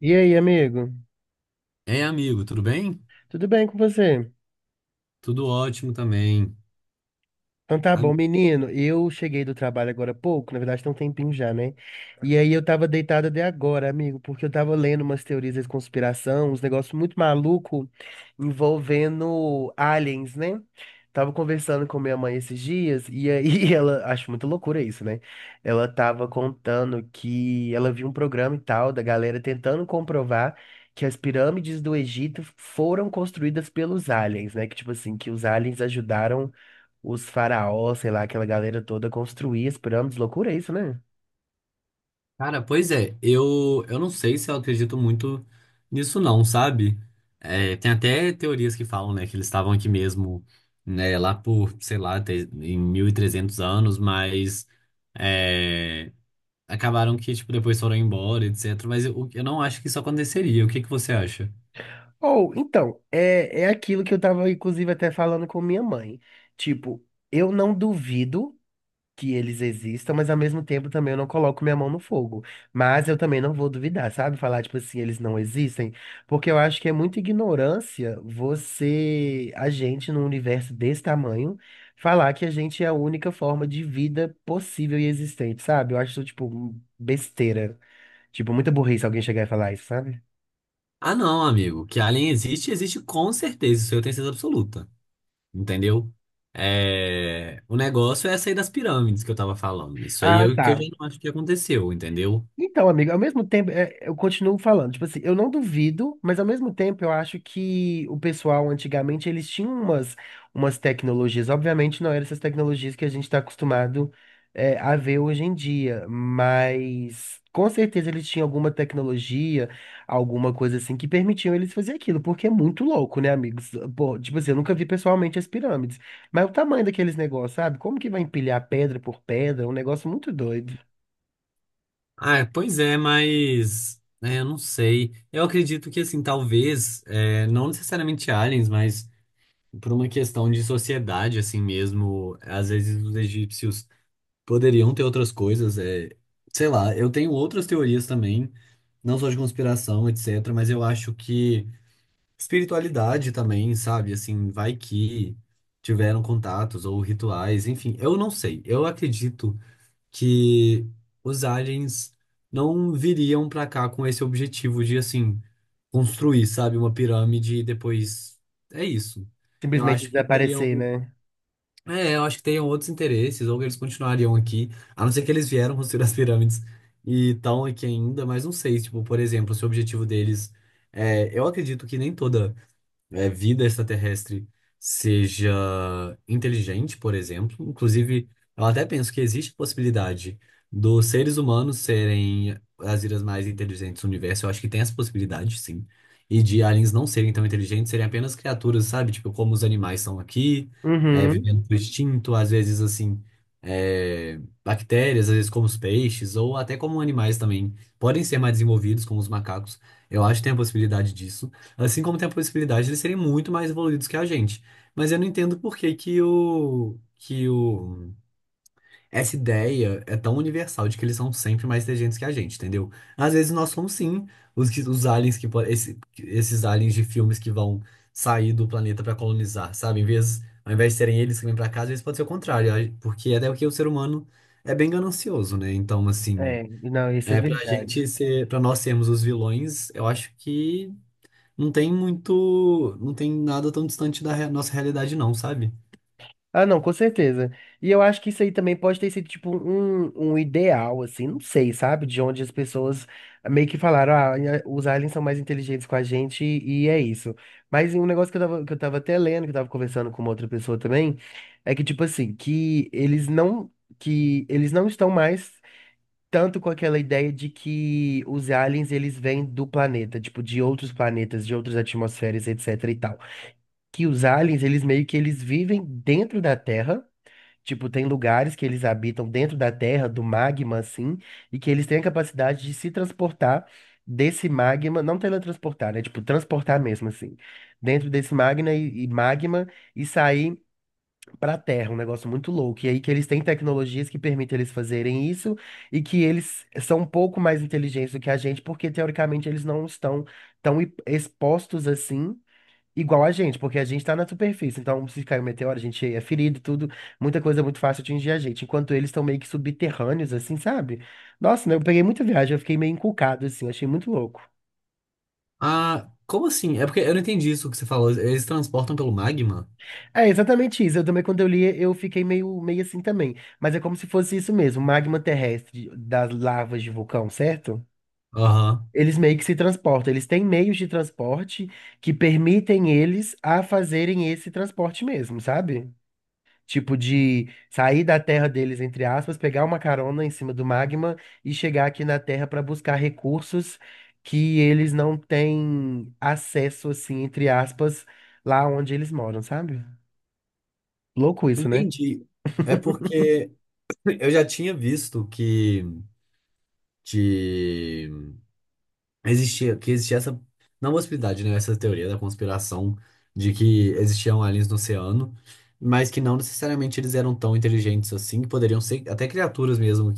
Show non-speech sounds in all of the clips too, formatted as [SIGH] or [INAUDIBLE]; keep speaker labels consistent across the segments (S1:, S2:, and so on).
S1: E aí, amigo?
S2: Ei, amigo, tudo bem?
S1: Tudo bem com você?
S2: Tudo ótimo também.
S1: Então tá
S2: Ah,
S1: bom, menino. Eu cheguei do trabalho agora há pouco, na verdade tem um tempinho já, né? E aí eu tava deitado até agora, amigo, porque eu tava lendo umas teorias de conspiração, uns negócios muito maluco envolvendo aliens, né? Tava conversando com minha mãe esses dias e aí [LAUGHS] ela, acho muito loucura isso, né? Ela tava contando que ela viu um programa e tal da galera tentando comprovar que as pirâmides do Egito foram construídas pelos aliens, né? Que tipo assim, que os aliens ajudaram os faraós, sei lá, aquela galera toda construía as pirâmides, loucura isso, né?
S2: cara, pois é, eu não sei se eu acredito muito nisso não, sabe? É, tem até teorias que falam, né, que eles estavam aqui mesmo, né, lá por, sei lá, em 1300 anos, mas é, acabaram que, tipo, depois foram embora, etc. Mas eu não acho que isso aconteceria. O que que você acha?
S1: Ou, então, é aquilo que eu tava, inclusive, até falando com minha mãe. Tipo, eu não duvido que eles existam, mas ao mesmo tempo também eu não coloco minha mão no fogo. Mas eu também não vou duvidar, sabe? Falar, tipo assim, eles não existem. Porque eu acho que é muita ignorância você, a gente, num universo desse tamanho, falar que a gente é a única forma de vida possível e existente, sabe? Eu acho, isso, tipo, besteira. Tipo, muita burrice alguém chegar e falar isso, sabe?
S2: Ah, não, amigo, que alien existe, existe com certeza, isso eu tenho certeza absoluta. Entendeu? É, o negócio é sair das pirâmides que eu tava falando. Isso aí
S1: Ah,
S2: que eu já
S1: tá.
S2: não acho que aconteceu, entendeu?
S1: Então, amigo, ao mesmo tempo, é, eu continuo falando, tipo assim, eu não duvido, mas ao mesmo tempo eu acho que o pessoal antigamente eles tinham umas tecnologias, obviamente não eram essas tecnologias que a gente está acostumado a ver hoje em dia, mas com certeza eles tinham alguma tecnologia, alguma coisa assim que permitiam eles fazer aquilo, porque é muito louco, né, amigos? Pô, tipo assim, eu nunca vi pessoalmente as pirâmides, mas o tamanho daqueles negócios, sabe? Como que vai empilhar pedra por pedra? É um negócio muito doido.
S2: Ah, pois é, mas é, eu não sei. Eu acredito que, assim, talvez, é, não necessariamente aliens, mas por uma questão de sociedade, assim mesmo, às vezes os egípcios poderiam ter outras coisas. É, sei lá, eu tenho outras teorias também, não só de conspiração, etc., mas eu acho que, espiritualidade também, sabe? Assim, vai que tiveram contatos ou rituais, enfim, eu não sei. Eu acredito que os aliens não viriam pra cá com esse objetivo de, assim, construir, sabe, uma pirâmide e depois é isso. Eu
S1: Simplesmente
S2: acho que teriam,
S1: desaparecer, né?
S2: é, eu acho que teriam outros interesses, ou que eles continuariam aqui, a não ser que eles vieram construir as pirâmides e estão aqui ainda, mas não sei, tipo, por exemplo, se o objetivo deles é, eu acredito que nem toda é, vida extraterrestre seja inteligente, por exemplo. Inclusive, eu até penso que existe a possibilidade dos seres humanos serem as vidas mais inteligentes do universo. Eu acho que tem essa possibilidade, sim. E de aliens não serem tão inteligentes, serem apenas criaturas, sabe? Tipo, como os animais são aqui, é,
S1: Uhum.
S2: vivendo por instinto, às vezes, assim, é, bactérias, às vezes como os peixes, ou até como animais também. Podem ser mais desenvolvidos, como os macacos. Eu acho que tem a possibilidade disso. Assim como tem a possibilidade de eles serem muito mais evoluídos que a gente. Mas eu não entendo por que que o, essa ideia é tão universal de que eles são sempre mais inteligentes que a gente, entendeu? Às vezes nós somos sim os aliens esses aliens de filmes que vão sair do planeta para colonizar, sabe? Em vez, ao invés de serem eles que vêm para casa, às vezes pode ser o contrário, porque é até porque o ser humano é bem ganancioso, né? Então, assim,
S1: É, não, isso é
S2: é pra gente
S1: verdade.
S2: ser, para nós sermos os vilões, eu acho que não tem muito, não tem nada tão distante da nossa realidade não, sabe?
S1: Ah, não, com certeza. E eu acho que isso aí também pode ter sido, tipo, um ideal, assim, não sei, sabe? De onde as pessoas meio que falaram, ah, os aliens são mais inteligentes com a gente e é isso. Mas um negócio que eu tava, até lendo, que eu tava conversando com uma outra pessoa também, é que, tipo assim, que eles não estão mais, tanto com aquela ideia de que os aliens eles vêm do planeta, tipo, de outros planetas, de outras atmosferas, etc e tal. Que os aliens, eles meio que eles vivem dentro da Terra, tipo, tem lugares que eles habitam dentro da Terra, do magma assim, e que eles têm a capacidade de se transportar desse magma, não teletransportar, né? Tipo, transportar mesmo assim, dentro desse magma e magma e sair para Terra, um negócio muito louco. E aí que eles têm tecnologias que permitem eles fazerem isso e que eles são um pouco mais inteligentes do que a gente, porque teoricamente eles não estão tão expostos assim. Igual a gente, porque a gente está na superfície. Então, se cair um meteoro, a gente é ferido, tudo. Muita coisa é muito fácil atingir a gente. Enquanto eles estão meio que subterrâneos, assim, sabe? Nossa, né, eu peguei muita viagem, eu fiquei meio encucado, assim, eu achei muito louco.
S2: Ah, como assim? É porque eu não entendi isso que você falou. Eles transportam pelo magma?
S1: É exatamente isso. Eu também, quando eu li, eu fiquei meio assim também. Mas é como se fosse isso mesmo, magma terrestre das lavas de vulcão, certo?
S2: Aham.
S1: Eles meio que se transportam. Eles têm meios de transporte que permitem eles a fazerem esse transporte mesmo, sabe? Tipo de sair da terra deles, entre aspas, pegar uma carona em cima do magma e chegar aqui na terra para buscar recursos que eles não têm acesso, assim, entre aspas, lá onde eles moram, sabe? Louco isso, né?
S2: Entendi.
S1: [LAUGHS]
S2: É porque eu já tinha visto que de existia que existia essa não possibilidade, né, essa teoria da conspiração de que existiam aliens no oceano, mas que não necessariamente eles eram tão inteligentes assim, que poderiam ser até criaturas mesmo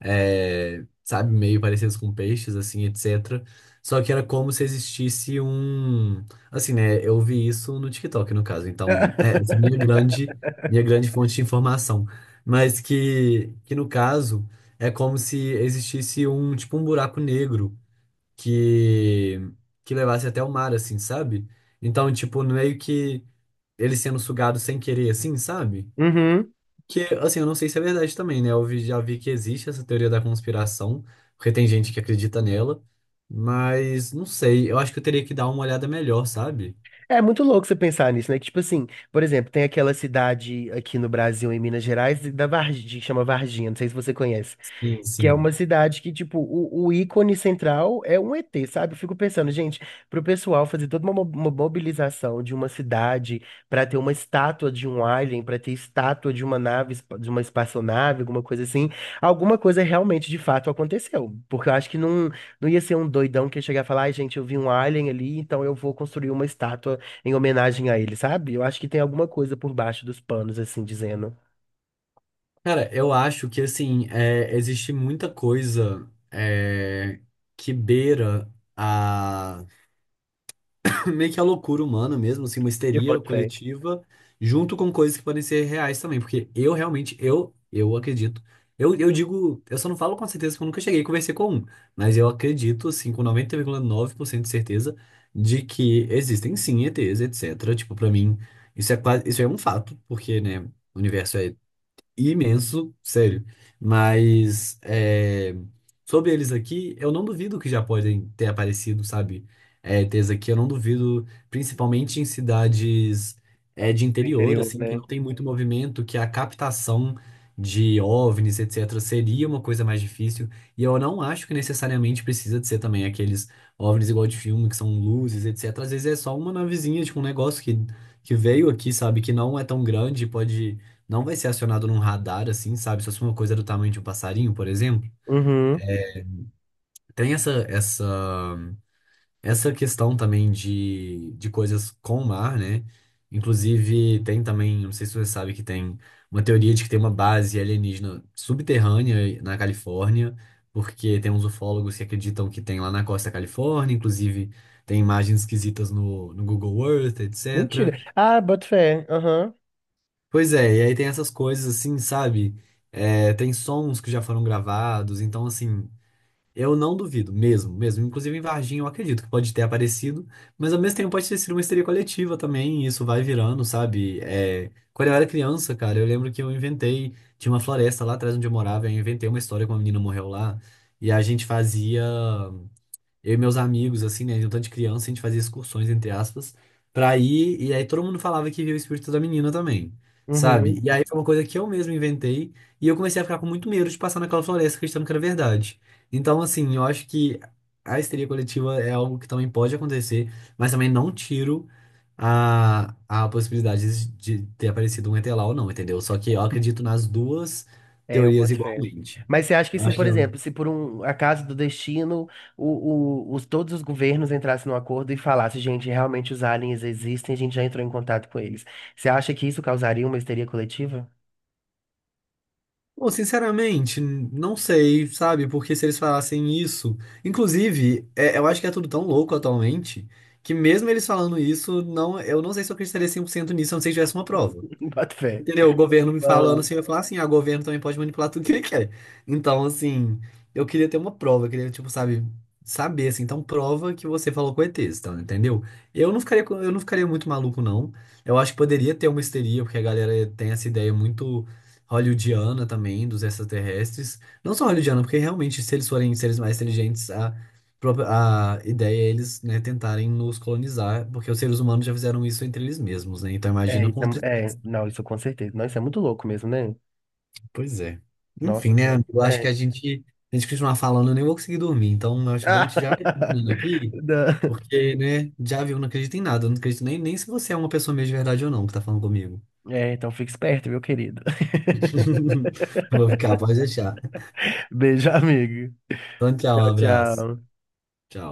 S2: é, sabe, meio parecidos com peixes, assim, etc. Só que era como se existisse um, assim, né? Eu vi isso no TikTok, no caso. Então, é essa é minha grande fonte de informação, mas que no caso é como se existisse um tipo um buraco negro que que levasse até o mar, assim, sabe? Então, tipo, meio que ele sendo sugado sem querer, assim, sabe?
S1: Uhum.
S2: Que, assim, eu não sei se é verdade também, né? Eu já vi que existe essa teoria da conspiração, porque tem gente que acredita nela, mas não sei, eu acho que eu teria que dar uma olhada melhor, sabe?
S1: É muito louco você pensar nisso, né? Que, tipo assim, por exemplo, tem aquela cidade aqui no Brasil, em Minas Gerais, da Varginha, que chama Varginha, não sei se você conhece.
S2: Sim,
S1: Que é
S2: sim.
S1: uma cidade que, tipo, o ícone central é um ET, sabe? Eu fico pensando, gente, pro pessoal fazer toda uma mobilização de uma cidade pra ter uma estátua de um alien, pra ter estátua de uma nave, de uma espaçonave, alguma coisa assim, alguma coisa realmente de fato aconteceu. Porque eu acho que não, não ia ser um doidão que ia chegar e falar, ai, gente, eu vi um alien ali, então eu vou construir uma estátua em homenagem a ele, sabe? Eu acho que tem alguma coisa por baixo dos panos, assim, dizendo.
S2: Cara, eu acho que, assim, é, existe muita coisa é, que beira [LAUGHS] meio que a loucura humana mesmo, assim, uma
S1: E eu
S2: histeria
S1: boto fé
S2: coletiva, junto com coisas que podem ser reais também, porque eu realmente, eu acredito. Eu digo, eu só não falo com certeza porque eu nunca cheguei e conversei com um, mas eu acredito, assim, com 90,9% de certeza de que existem sim ETs, etc. Tipo, pra mim, isso é quase, isso é um fato, porque, né, o universo é imenso, sério. Mas é, sobre eles aqui, eu não duvido que já podem ter aparecido, sabe? É, ter isso aqui, eu não duvido, principalmente em cidades é, de
S1: do
S2: interior,
S1: interior,
S2: assim, que
S1: né?
S2: não tem muito movimento, que a captação de OVNIs, etc., seria uma coisa mais difícil. E eu não acho que necessariamente precisa de ser também aqueles OVNIs igual de filme, que são luzes, etc. Às vezes é só uma navezinha, tipo um negócio que veio aqui, sabe? Que não é tão grande, pode não vai ser acionado num radar, assim, sabe? Se fosse uma coisa é do tamanho de um passarinho, por exemplo.
S1: Uhum.
S2: Tem essa questão também de coisas com o mar, né? Inclusive, tem também, não sei se você sabe que tem uma teoria de que tem uma base alienígena subterrânea na Califórnia, porque tem uns ufólogos que acreditam que tem lá na costa da Califórnia, inclusive tem imagens esquisitas no Google Earth, etc.
S1: Mentira. Ah, boto fé. Aham.
S2: Pois é, e aí tem essas coisas assim, sabe? É, tem sons que já foram gravados, então assim, eu não duvido, mesmo, mesmo. Inclusive em Varginha eu acredito que pode ter aparecido, mas ao mesmo tempo pode ter sido uma histeria coletiva também, e isso vai virando, sabe? É, quando eu era criança, cara, eu lembro que eu inventei, tinha uma floresta lá atrás onde eu morava, eu inventei uma história que uma menina morreu lá, e a gente fazia. Eu e meus amigos, assim, né? De um tanto de criança, a gente fazia excursões, entre aspas, pra ir. E aí todo mundo falava que via o espírito da menina também, sabe?
S1: Uhum.
S2: E aí foi uma coisa que eu mesmo inventei. E eu comecei a ficar com muito medo de passar naquela floresta acreditando que era verdade. Então, assim, eu acho que a histeria coletiva é algo que também pode acontecer, mas também não tiro a possibilidade de ter aparecido um ET lá ou não, entendeu? Só que eu acredito nas duas
S1: É, eu
S2: teorias
S1: boto fé.
S2: igualmente.
S1: Mas você acha que
S2: Eu
S1: sim,
S2: acho
S1: por
S2: que é um.
S1: exemplo, se por um acaso do destino, todos os governos entrassem num acordo e falassem, gente, realmente os aliens existem, a gente já entrou em contato com eles. Você acha que isso causaria uma histeria coletiva?
S2: Bom, sinceramente, não sei, sabe? Porque se eles falassem isso. Inclusive, eu acho que é tudo tão louco atualmente que, mesmo eles falando isso, não, eu não sei se eu acreditaria 100% nisso, a não ser que tivesse uma prova.
S1: [LAUGHS] Boto fé.
S2: Entendeu? O governo me falando
S1: Aham.
S2: assim, eu ia falar assim, ah, o governo também pode manipular tudo que ele quer. Então, assim, eu queria ter uma prova, eu queria, tipo, sabe, saber, assim, então prova que você falou com ETs, então, entendeu? Eu não ficaria, eu não ficaria muito maluco, não. Eu acho que poderia ter uma histeria, porque a galera tem essa ideia muito hollywoodiana também, dos extraterrestres. Não só hollywoodiana, porque realmente, se eles forem seres mais inteligentes, a, a ideia é eles, né, tentarem nos colonizar, porque os seres humanos já fizeram isso entre eles mesmos, né? Então
S1: É,
S2: imagina com
S1: isso
S2: outra.
S1: é, é, não, isso com certeza. Não, isso é muito louco mesmo, né?
S2: Pois é. Enfim,
S1: Nossa,
S2: né,
S1: sério.
S2: amigo? Eu acho que
S1: É.
S2: a gente continuar falando, eu nem vou conseguir dormir. Então, eu acho bom a gente já ir
S1: [LAUGHS]
S2: terminando aqui,
S1: Não.
S2: porque, né, já viu, não acredito em nada. Eu não acredito nem se você é uma pessoa mesmo de verdade ou não que tá falando comigo.
S1: É, então fica esperto, meu querido. [LAUGHS]
S2: [LAUGHS] Eu vou ficar, pode deixar.
S1: Beijo, amigo.
S2: Então, tchau, um
S1: Tchau,
S2: abraço.
S1: tchau.
S2: Tchau.